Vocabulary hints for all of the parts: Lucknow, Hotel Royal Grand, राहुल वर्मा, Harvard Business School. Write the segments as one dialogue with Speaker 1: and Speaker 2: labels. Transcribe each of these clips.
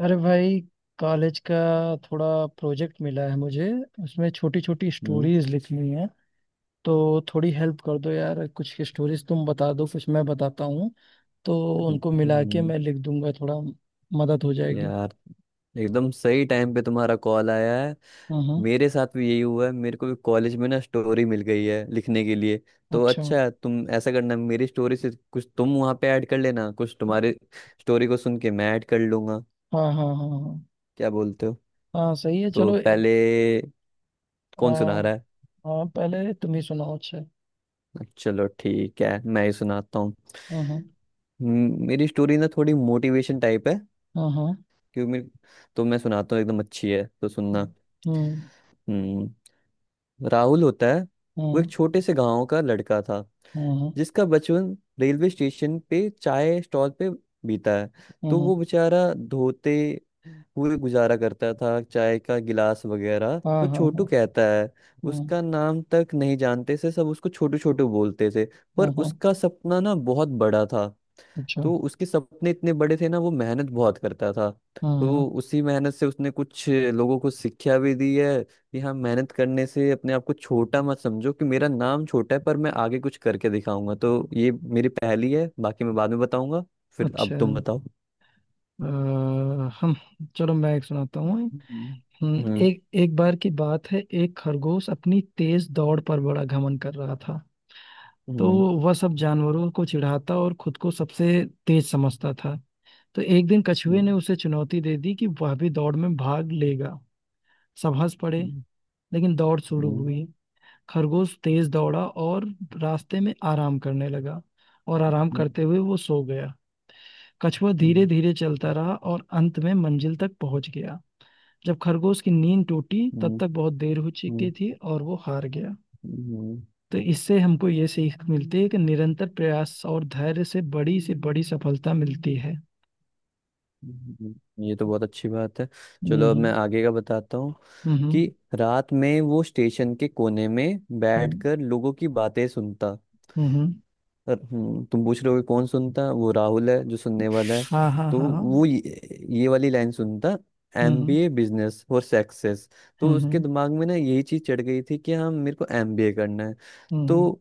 Speaker 1: अरे भाई, कॉलेज का थोड़ा प्रोजेक्ट मिला है मुझे। उसमें छोटी छोटी
Speaker 2: हम्म,
Speaker 1: स्टोरीज लिखनी है। तो थोड़ी हेल्प कर दो यार, कुछ स्टोरीज तुम बता दो, कुछ मैं बताता हूँ। तो उनको मिला के
Speaker 2: हम्म।
Speaker 1: मैं लिख दूंगा, थोड़ा मदद हो जाएगी।
Speaker 2: यार, एकदम सही टाइम पे तुम्हारा कॉल आया है।
Speaker 1: हाँ हाँ।
Speaker 2: मेरे साथ भी यही हुआ है, मेरे को भी कॉलेज में ना स्टोरी मिल गई है लिखने के लिए। तो
Speaker 1: अच्छा।
Speaker 2: अच्छा है, तुम ऐसा करना मेरी स्टोरी से कुछ तुम वहाँ पे ऐड कर लेना, कुछ तुम्हारे स्टोरी को सुन के मैं ऐड कर लूंगा।
Speaker 1: हाँ हाँ हाँ हाँ।
Speaker 2: क्या बोलते हो?
Speaker 1: हाँ, सही है,
Speaker 2: तो
Speaker 1: चलो।
Speaker 2: पहले
Speaker 1: आ,
Speaker 2: कौन सुना रहा है?
Speaker 1: हाँ, पहले तुम ही सुनाओ। अच्छा।
Speaker 2: चलो ठीक है, मैं ही सुनाता हूँ।
Speaker 1: हाँ हाँ
Speaker 2: मेरी स्टोरी ना थोड़ी मोटिवेशन टाइप है,
Speaker 1: हाँ हाँ।
Speaker 2: क्योंकि तो मैं सुनाता हूँ, एकदम अच्छी है तो सुनना।
Speaker 1: हम्म।
Speaker 2: हम्म, राहुल होता है। वो एक
Speaker 1: हम्म।
Speaker 2: छोटे से गांव का लड़का था
Speaker 1: हम्म।
Speaker 2: जिसका बचपन रेलवे स्टेशन पे चाय स्टॉल पे बीता है। तो
Speaker 1: हम्म।
Speaker 2: वो बेचारा धोते हुए गुजारा करता था चाय का गिलास वगैरह,
Speaker 1: हाँ
Speaker 2: तो
Speaker 1: हाँ
Speaker 2: छोटू
Speaker 1: हाँ
Speaker 2: कहता है,
Speaker 1: हाँ।
Speaker 2: उसका नाम तक नहीं जानते थे सब, उसको छोटू छोटू बोलते थे। पर
Speaker 1: हाँ हाँ,
Speaker 2: उसका सपना ना बहुत बड़ा था।
Speaker 1: अच्छा
Speaker 2: तो उसके सपने इतने बड़े थे ना, वो मेहनत बहुत करता था।
Speaker 1: हाँ
Speaker 2: तो
Speaker 1: हाँ।
Speaker 2: उसी मेहनत से उसने कुछ लोगों को शिक्षा भी दी है कि हाँ, मेहनत करने से अपने आप को छोटा मत समझो कि मेरा नाम छोटा है, पर मैं आगे कुछ करके दिखाऊंगा। तो ये मेरी पहेली है, बाकी मैं बाद में बताऊंगा। फिर अब
Speaker 1: अच्छा।
Speaker 2: तुम बताओ।
Speaker 1: अ, हम। चलो, मैं एक सुनाता हूँ।
Speaker 2: हम्म हम्म
Speaker 1: एक एक बार की बात है, एक खरगोश अपनी तेज दौड़ पर बड़ा घमंड कर रहा था। तो
Speaker 2: हम्म
Speaker 1: वह सब जानवरों को चिढ़ाता और खुद को सबसे तेज समझता था। तो एक दिन कछुए
Speaker 2: हम्म
Speaker 1: ने उसे चुनौती दे दी कि वह भी दौड़ में भाग लेगा। सब हंस पड़े, लेकिन दौड़ शुरू
Speaker 2: हम्म,
Speaker 1: हुई। खरगोश तेज दौड़ा और रास्ते में आराम करने लगा, और आराम
Speaker 2: हम्म,
Speaker 1: करते हुए वो सो गया। कछुआ धीरे
Speaker 2: हम्म,
Speaker 1: धीरे चलता रहा और अंत में मंजिल तक पहुंच गया। जब खरगोश की नींद टूटी, तब
Speaker 2: हम्म,
Speaker 1: तक बहुत देर हो चुकी
Speaker 2: हम्म,
Speaker 1: थी और वो हार गया।
Speaker 2: हम्म,
Speaker 1: तो इससे हमको ये सीख मिलती है कि निरंतर प्रयास और धैर्य से बड़ी सफलता मिलती है।
Speaker 2: ये तो बहुत अच्छी बात है। चलो अब मैं
Speaker 1: हम्म।
Speaker 2: आगे का बताता हूँ
Speaker 1: हम्म।
Speaker 2: कि रात में वो स्टेशन के कोने में
Speaker 1: हम्म।
Speaker 2: बैठकर लोगों की बातें सुनता।
Speaker 1: हम्म।
Speaker 2: और तुम पूछ रहे हो कि कौन सुनता? वो राहुल है जो सुनने वाला है।
Speaker 1: हाँ हाँ
Speaker 2: तो
Speaker 1: हाँ हाँ।
Speaker 2: वो ये वाली लाइन सुनता,
Speaker 1: हम्म।
Speaker 2: एमबीए बिजनेस और सक्सेस। तो उसके
Speaker 1: हम्म।
Speaker 2: दिमाग में ना यही चीज चढ़ गई थी कि हाँ, मेरे को एमबीए करना है।
Speaker 1: हम्म। हम्म।
Speaker 2: तो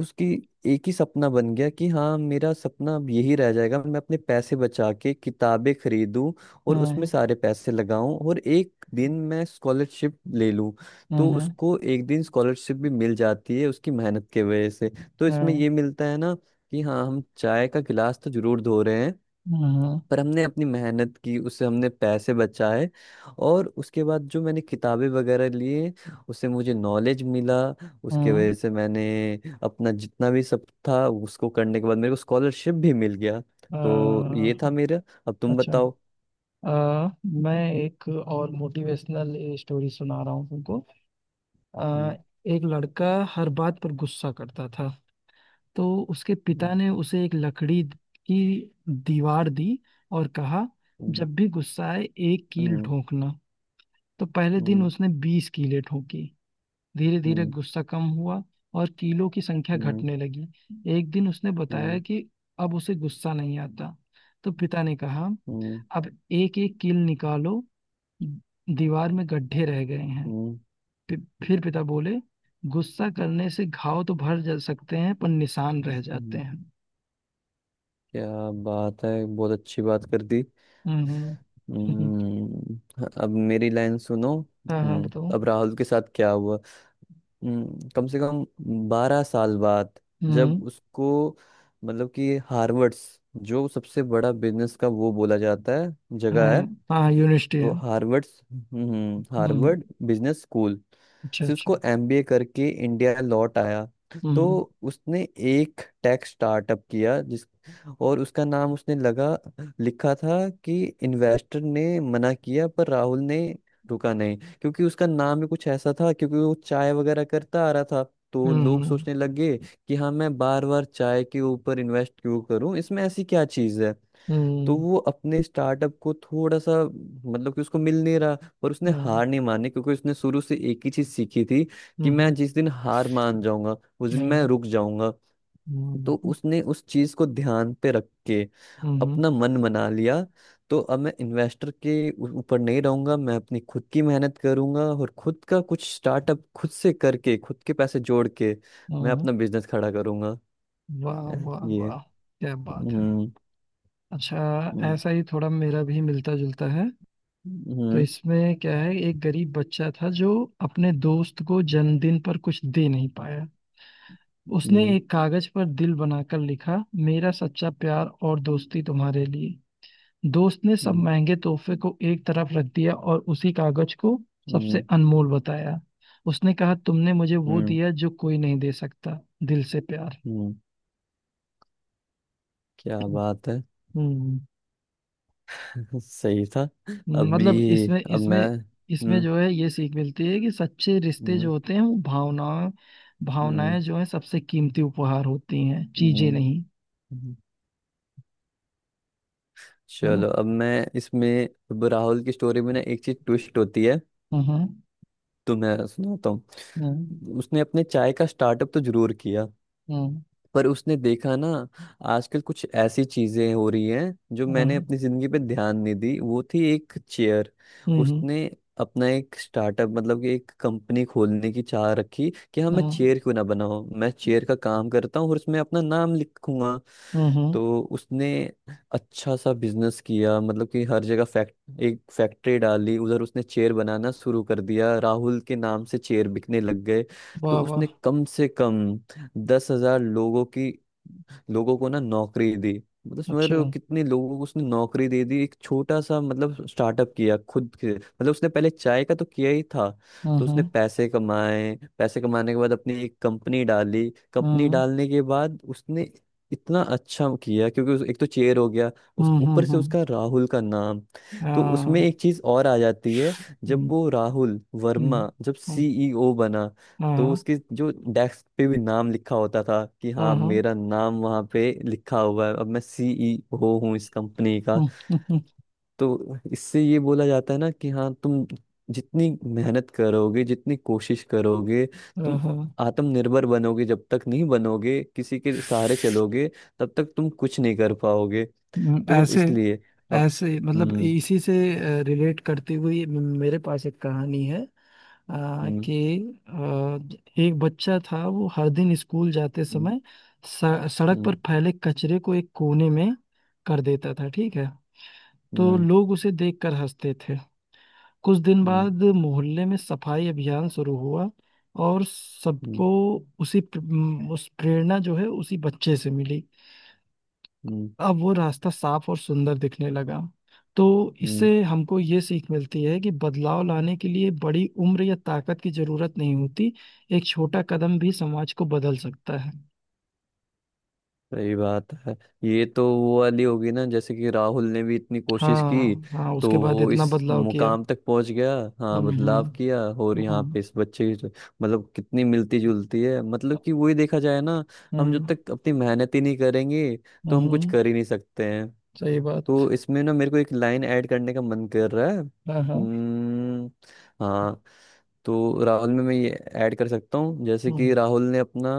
Speaker 2: उसकी एक ही सपना बन गया कि हाँ, मेरा सपना अब यही रह जाएगा, मैं अपने पैसे बचा के किताबें खरीदूं और उसमें
Speaker 1: हम्म।
Speaker 2: सारे पैसे लगाऊं और एक दिन मैं स्कॉलरशिप ले लूं। तो
Speaker 1: हम्म।
Speaker 2: उसको एक दिन स्कॉलरशिप भी मिल जाती है उसकी मेहनत के वजह से। तो इसमें
Speaker 1: हम्म।
Speaker 2: ये मिलता है ना कि हाँ, हम चाय का गिलास तो जरूर धो रहे हैं,
Speaker 1: हम्म।
Speaker 2: पर हमने अपनी मेहनत की, उससे हमने पैसे बचाए और उसके बाद जो मैंने किताबें वगैरह लिए उससे मुझे नॉलेज मिला। उसके
Speaker 1: हम्म।
Speaker 2: वजह से मैंने अपना जितना भी सब था उसको करने के बाद मेरे को स्कॉलरशिप भी मिल गया।
Speaker 1: अ,
Speaker 2: तो ये था मेरा। अब तुम
Speaker 1: अच्छा।
Speaker 2: बताओ।
Speaker 1: अ मैं एक और मोटिवेशनल स्टोरी सुना रहा हूँ तुमको। आ,
Speaker 2: हम्म,
Speaker 1: एक लड़का हर बात पर गुस्सा करता था। तो उसके
Speaker 2: हम्म,
Speaker 1: पिता ने उसे एक लकड़ी की दीवार दी और कहा, जब भी गुस्सा आए, एक कील
Speaker 2: हम्म,
Speaker 1: ठोकना। तो पहले दिन
Speaker 2: हम्म,
Speaker 1: उसने बीस कीलें ठोकी। धीरे धीरे
Speaker 2: हम्म,
Speaker 1: गुस्सा कम हुआ और कीलों की संख्या
Speaker 2: हम्म,
Speaker 1: घटने लगी। एक दिन उसने
Speaker 2: हम्म,
Speaker 1: बताया कि अब उसे गुस्सा नहीं आता। तो पिता ने कहा,
Speaker 2: हम्म, हम्म,
Speaker 1: अब एक एक कील निकालो, दीवार में गड्ढे रह गए हैं।
Speaker 2: हम्म,
Speaker 1: फि- फिर पिता बोले, गुस्सा करने से घाव तो भर जा सकते हैं पर निशान रह जाते
Speaker 2: हम्म।
Speaker 1: हैं।
Speaker 2: क्या बात है, बहुत अच्छी बात कर दी।
Speaker 1: हम्म। हम्म। हम्म। हम्म।
Speaker 2: हम्म, अब मेरी लाइन सुनो।
Speaker 1: हाँ हाँ बताओ।
Speaker 2: अब राहुल के साथ क्या हुआ। कम से कम 12 साल बाद
Speaker 1: हम्म।
Speaker 2: जब उसको, मतलब कि हार्वर्ड्स जो सबसे बड़ा बिजनेस का वो बोला जाता है
Speaker 1: हाँ,
Speaker 2: जगह है।
Speaker 1: हाँ यूनिवर्सिटी
Speaker 2: तो
Speaker 1: है।
Speaker 2: हार्वर्ड
Speaker 1: हम्म।
Speaker 2: हार्वर्ड बिजनेस स्कूल
Speaker 1: अच्छा
Speaker 2: से
Speaker 1: अच्छा।
Speaker 2: उसको एमबीए करके इंडिया लौट आया। तो
Speaker 1: हम्म।
Speaker 2: उसने एक टेक स्टार्टअप किया जिस और उसका नाम उसने लगा लिखा था। कि इन्वेस्टर ने मना किया पर राहुल ने रुका नहीं, क्योंकि उसका नाम ही कुछ ऐसा था, क्योंकि वो चाय वगैरह करता आ रहा था। तो लोग
Speaker 1: हम्म।
Speaker 2: सोचने लगे कि हाँ, मैं बार बार चाय के ऊपर इन्वेस्ट क्यों करूं, इसमें ऐसी क्या चीज़ है। तो
Speaker 1: हम्म।
Speaker 2: वो अपने स्टार्टअप को थोड़ा सा, मतलब कि उसको मिल नहीं रहा। पर उसने
Speaker 1: हम्म।
Speaker 2: हार नहीं मानी, क्योंकि उसने शुरू से एक ही चीज सीखी थी कि
Speaker 1: हम्म।
Speaker 2: मैं
Speaker 1: हम्म।
Speaker 2: जिस दिन हार मान जाऊंगा उस दिन मैं
Speaker 1: हम्म।
Speaker 2: रुक जाऊंगा।
Speaker 1: हम्म।
Speaker 2: तो
Speaker 1: हम्म।
Speaker 2: उसने उस चीज को ध्यान पे रख के
Speaker 1: हम्म। हम्म।
Speaker 2: अपना मन बना लिया। तो अब मैं इन्वेस्टर के ऊपर नहीं रहूंगा, मैं अपनी खुद की मेहनत करूंगा और खुद का कुछ स्टार्टअप खुद से करके खुद के पैसे जोड़ के मैं
Speaker 1: हम्म।
Speaker 2: अपना बिजनेस खड़ा करूंगा
Speaker 1: वाह
Speaker 2: है,
Speaker 1: वाह
Speaker 2: ये
Speaker 1: वाह। क्या बात है।
Speaker 2: हम्म
Speaker 1: अच्छा।
Speaker 2: हम्म
Speaker 1: ऐसा ही थोड़ा मेरा भी मिलता जुलता है। तो
Speaker 2: हम्म
Speaker 1: इसमें क्या है, एक गरीब बच्चा था जो अपने दोस्त को जन्मदिन पर कुछ दे नहीं पाया। उसने
Speaker 2: हम्म
Speaker 1: एक कागज पर दिल बनाकर लिखा, मेरा सच्चा प्यार और दोस्ती तुम्हारे लिए। दोस्त ने सब
Speaker 2: हम्म
Speaker 1: महंगे तोहफे को एक तरफ रख दिया और उसी कागज को सबसे
Speaker 2: हम्म
Speaker 1: अनमोल बताया। उसने कहा, तुमने मुझे वो
Speaker 2: हम्म
Speaker 1: दिया जो कोई नहीं दे सकता, दिल से प्यार।
Speaker 2: हम्म। क्या बात है?
Speaker 1: हम्म।
Speaker 2: सही था।
Speaker 1: मतलब
Speaker 2: अभी
Speaker 1: इसमें
Speaker 2: अब मैं
Speaker 1: इसमें इसमें
Speaker 2: हम्म
Speaker 1: जो है, ये सीख मिलती है कि सच्चे रिश्ते जो
Speaker 2: हम्म
Speaker 1: होते हैं, वो
Speaker 2: हम्म
Speaker 1: भावनाएं जो है, सबसे कीमती उपहार होती हैं, चीजें
Speaker 2: हम्म,
Speaker 1: नहीं।
Speaker 2: हम्म।
Speaker 1: है ना?
Speaker 2: चलो अब मैं इसमें अब राहुल की स्टोरी में ना एक चीज ट्विस्ट होती है।
Speaker 1: हम्म। हम्म।
Speaker 2: तो मैं सुनाता हूँ। उसने अपने चाय का स्टार्टअप तो जरूर किया,
Speaker 1: हम्म।
Speaker 2: पर उसने देखा ना आजकल कुछ ऐसी चीजें हो रही हैं जो
Speaker 1: हम्म।
Speaker 2: मैंने
Speaker 1: हम्म।
Speaker 2: अपनी जिंदगी पे ध्यान नहीं दी, वो थी एक चेयर।
Speaker 1: हम्म।
Speaker 2: उसने अपना एक स्टार्टअप, मतलब कि एक कंपनी खोलने की चाह रखी कि हाँ, मैं
Speaker 1: हम्म।
Speaker 2: चेयर क्यों ना बनाऊं, मैं चेयर का काम करता हूँ और उसमें अपना नाम लिखूंगा।
Speaker 1: हम्म। हम्म।
Speaker 2: तो उसने अच्छा सा बिजनेस किया, मतलब कि हर जगह फैक्ट एक फैक्ट्री डाली, उधर उसने चेयर बनाना शुरू कर दिया, राहुल के नाम से चेयर बिकने लग गए। तो
Speaker 1: वाह
Speaker 2: उसने
Speaker 1: वाह।
Speaker 2: कम से कम 10,000 लोगों को ना नौकरी दी। मतलब समझ रहे हो
Speaker 1: अच्छा।
Speaker 2: कितने लोगों को उसने नौकरी दे दी, एक छोटा सा मतलब स्टार्टअप किया खुद के, मतलब उसने पहले चाय का तो किया ही था।
Speaker 1: हम्म।
Speaker 2: तो उसने
Speaker 1: हम्म।
Speaker 2: पैसे कमाए, पैसे कमाने के बाद अपनी एक कंपनी डाली, कंपनी
Speaker 1: हम्म।
Speaker 2: डालने के बाद उसने इतना अच्छा किया, क्योंकि एक तो चेयर हो गया, उस
Speaker 1: हम्म।
Speaker 2: ऊपर से
Speaker 1: हम्म।
Speaker 2: उसका राहुल का नाम। तो उसमें
Speaker 1: हाँ।
Speaker 2: एक चीज और आ जाती है, जब
Speaker 1: हम्म।
Speaker 2: वो राहुल
Speaker 1: हम्म।
Speaker 2: वर्मा जब
Speaker 1: हम्म।
Speaker 2: सीईओ बना। तो
Speaker 1: हाँ।
Speaker 2: उसके जो डेस्क पे भी नाम लिखा होता था कि हाँ,
Speaker 1: हम्म। हम्म।
Speaker 2: मेरा नाम वहाँ पे लिखा हुआ है, अब मैं सीईओ हूँ इस कंपनी का।
Speaker 1: हम्म,
Speaker 2: तो इससे ये बोला जाता है ना कि हाँ, तुम जितनी मेहनत करोगे, जितनी कोशिश करोगे तुम
Speaker 1: हाँ।
Speaker 2: आत्मनिर्भर बनोगे, जब तक नहीं बनोगे किसी के सहारे चलोगे तब तक तुम कुछ नहीं कर पाओगे।
Speaker 1: हम्म।
Speaker 2: तो
Speaker 1: ऐसे
Speaker 2: इसलिए अब
Speaker 1: ऐसे मतलब
Speaker 2: हम्म
Speaker 1: इसी से रिलेट करते हुए मेरे पास एक कहानी है। आ,
Speaker 2: हम्म
Speaker 1: कि आ, एक बच्चा था। वो हर दिन स्कूल जाते
Speaker 2: हम्म
Speaker 1: समय सड़क
Speaker 2: हम्म
Speaker 1: पर फैले कचरे को एक कोने में कर देता था, ठीक है। तो
Speaker 2: हम्म
Speaker 1: लोग उसे देखकर हंसते थे। कुछ दिन
Speaker 2: हम्म
Speaker 1: बाद मोहल्ले में सफाई अभियान शुरू हुआ और सबको उस प्रेरणा जो है, उसी बच्चे से मिली।
Speaker 2: हम्म
Speaker 1: अब वो रास्ता साफ और सुंदर दिखने लगा। तो
Speaker 2: हम्म।
Speaker 1: इससे हमको ये सीख मिलती है कि बदलाव लाने के लिए बड़ी उम्र या ताकत की जरूरत नहीं होती। एक छोटा कदम भी समाज को बदल सकता है।
Speaker 2: सही बात है। ये तो वो वाली होगी ना, जैसे कि राहुल ने भी इतनी कोशिश
Speaker 1: हाँ
Speaker 2: की
Speaker 1: हाँ,
Speaker 2: तो
Speaker 1: उसके बाद
Speaker 2: वो
Speaker 1: इतना
Speaker 2: इस
Speaker 1: बदलाव किया।
Speaker 2: मुकाम तक पहुंच गया। हाँ,
Speaker 1: हम्म।
Speaker 2: बदलाव
Speaker 1: हम्म।
Speaker 2: किया और यहाँ
Speaker 1: हम्म।
Speaker 2: पे इस बच्चे की मतलब कितनी मिलती जुलती है, मतलब कि वही देखा जाए ना। हम जब
Speaker 1: हम्म।
Speaker 2: तक अपनी मेहनत ही नहीं करेंगे तो
Speaker 1: हम्म।
Speaker 2: हम कुछ
Speaker 1: हम्म।
Speaker 2: कर ही नहीं सकते हैं।
Speaker 1: सही बात।
Speaker 2: तो इसमें ना मेरे को एक लाइन ऐड करने का मन कर रहा है।
Speaker 1: हाँ हाँ।
Speaker 2: हम्म, हाँ, तो राहुल में मैं ये ऐड कर सकता हूँ, जैसे कि
Speaker 1: हम्म।
Speaker 2: राहुल ने अपना।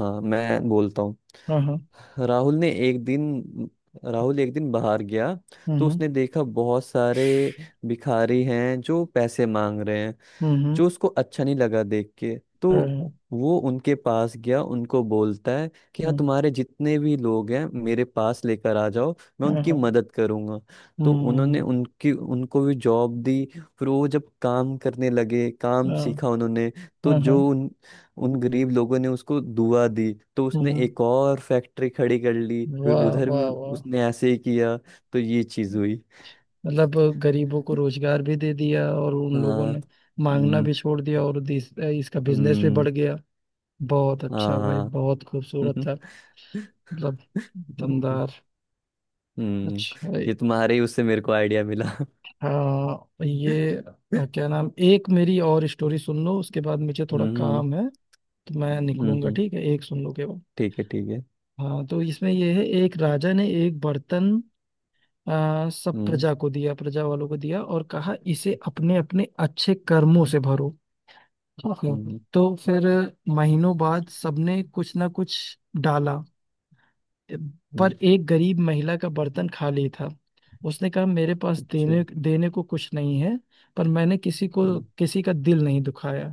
Speaker 2: हाँ, मैं बोलता हूँ।
Speaker 1: हाँ हाँ।
Speaker 2: राहुल ने एक दिन राहुल एक दिन बाहर गया। तो
Speaker 1: हम्म।
Speaker 2: उसने देखा बहुत सारे भिखारी हैं जो पैसे मांग रहे हैं,
Speaker 1: हम्म। हम्म।
Speaker 2: जो उसको अच्छा नहीं लगा देख के। तो
Speaker 1: हाँ हाँ।
Speaker 2: वो उनके पास गया, उनको बोलता है कि हाँ,
Speaker 1: हम्म।
Speaker 2: तुम्हारे जितने भी लोग हैं मेरे पास लेकर आ जाओ, मैं
Speaker 1: हाँ
Speaker 2: उनकी
Speaker 1: हाँ।
Speaker 2: मदद करूंगा। तो उन्होंने
Speaker 1: हम्म।
Speaker 2: उनकी उनको भी जॉब दी। फिर वो जब काम करने लगे, काम
Speaker 1: हाँ।
Speaker 2: सीखा उन्होंने। तो
Speaker 1: हाँ। हाँ।
Speaker 2: जो उन उन गरीब लोगों ने उसको दुआ दी, तो उसने
Speaker 1: हम्म।
Speaker 2: एक और फैक्ट्री खड़ी कर ली, फिर
Speaker 1: वाह
Speaker 2: उधर
Speaker 1: वाह
Speaker 2: भी
Speaker 1: वाह।
Speaker 2: उसने ऐसे ही किया, तो ये चीज हुई।
Speaker 1: मतलब गरीबों को रोजगार भी दे दिया और उन लोगों
Speaker 2: हाँ,
Speaker 1: ने मांगना
Speaker 2: हम्म
Speaker 1: भी छोड़ दिया, और इसका बिजनेस भी बढ़
Speaker 2: हम्म,
Speaker 1: गया। बहुत अच्छा भाई,
Speaker 2: हाँ
Speaker 1: बहुत
Speaker 2: हाँ
Speaker 1: खूबसूरत था। मतलब
Speaker 2: हम्म
Speaker 1: दमदार।
Speaker 2: हम्म।
Speaker 1: अच्छा।
Speaker 2: ये तुम्हारे ही उससे मेरे को आइडिया मिला।
Speaker 1: हाँ, ये क्या नाम, एक मेरी और स्टोरी सुन लो, उसके बाद मुझे थोड़ा
Speaker 2: हम्म
Speaker 1: काम है, तो मैं निकलूंगा।
Speaker 2: हम्म।
Speaker 1: ठीक है, एक सुन लो के बाद।
Speaker 2: ठीक है ठीक है।
Speaker 1: हाँ, तो इसमें ये है, एक राजा ने एक बर्तन सब
Speaker 2: हम्म
Speaker 1: प्रजा को दिया, प्रजा वालों को दिया और कहा, इसे अपने अपने अच्छे कर्मों से भरो। ओहो।
Speaker 2: हम्म
Speaker 1: तो फिर महीनों बाद सबने कुछ ना कुछ डाला, पर
Speaker 2: हम्म,
Speaker 1: एक गरीब महिला का बर्तन खाली था। उसने कहा, मेरे पास
Speaker 2: अच्छा,
Speaker 1: देने देने को कुछ नहीं है, पर मैंने किसी को
Speaker 2: हम्म
Speaker 1: किसी का दिल नहीं दुखाया।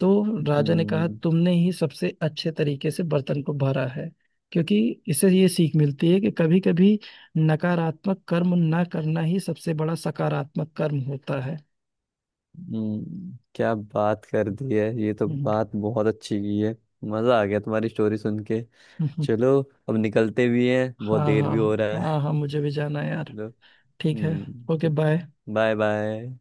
Speaker 1: तो राजा ने कहा,
Speaker 2: हम्म,
Speaker 1: तुमने ही सबसे अच्छे तरीके से बर्तन को भरा है, क्योंकि इससे ये सीख मिलती है कि कभी कभी नकारात्मक कर्म ना करना ही सबसे बड़ा सकारात्मक कर्म होता है।
Speaker 2: क्या बात कर दी है, ये तो
Speaker 1: हम्म।
Speaker 2: बात बहुत अच्छी की है। मजा आ गया तुम्हारी स्टोरी सुन के।
Speaker 1: हम्म।
Speaker 2: चलो, अब निकलते भी हैं, बहुत
Speaker 1: हाँ
Speaker 2: देर
Speaker 1: हाँ।
Speaker 2: भी हो रहा
Speaker 1: हाँ
Speaker 2: है।
Speaker 1: हाँ, मुझे भी जाना है यार।
Speaker 2: चलो।
Speaker 1: ठीक है।
Speaker 2: हम्म,
Speaker 1: ओके बाय।
Speaker 2: चलो। Bye bye.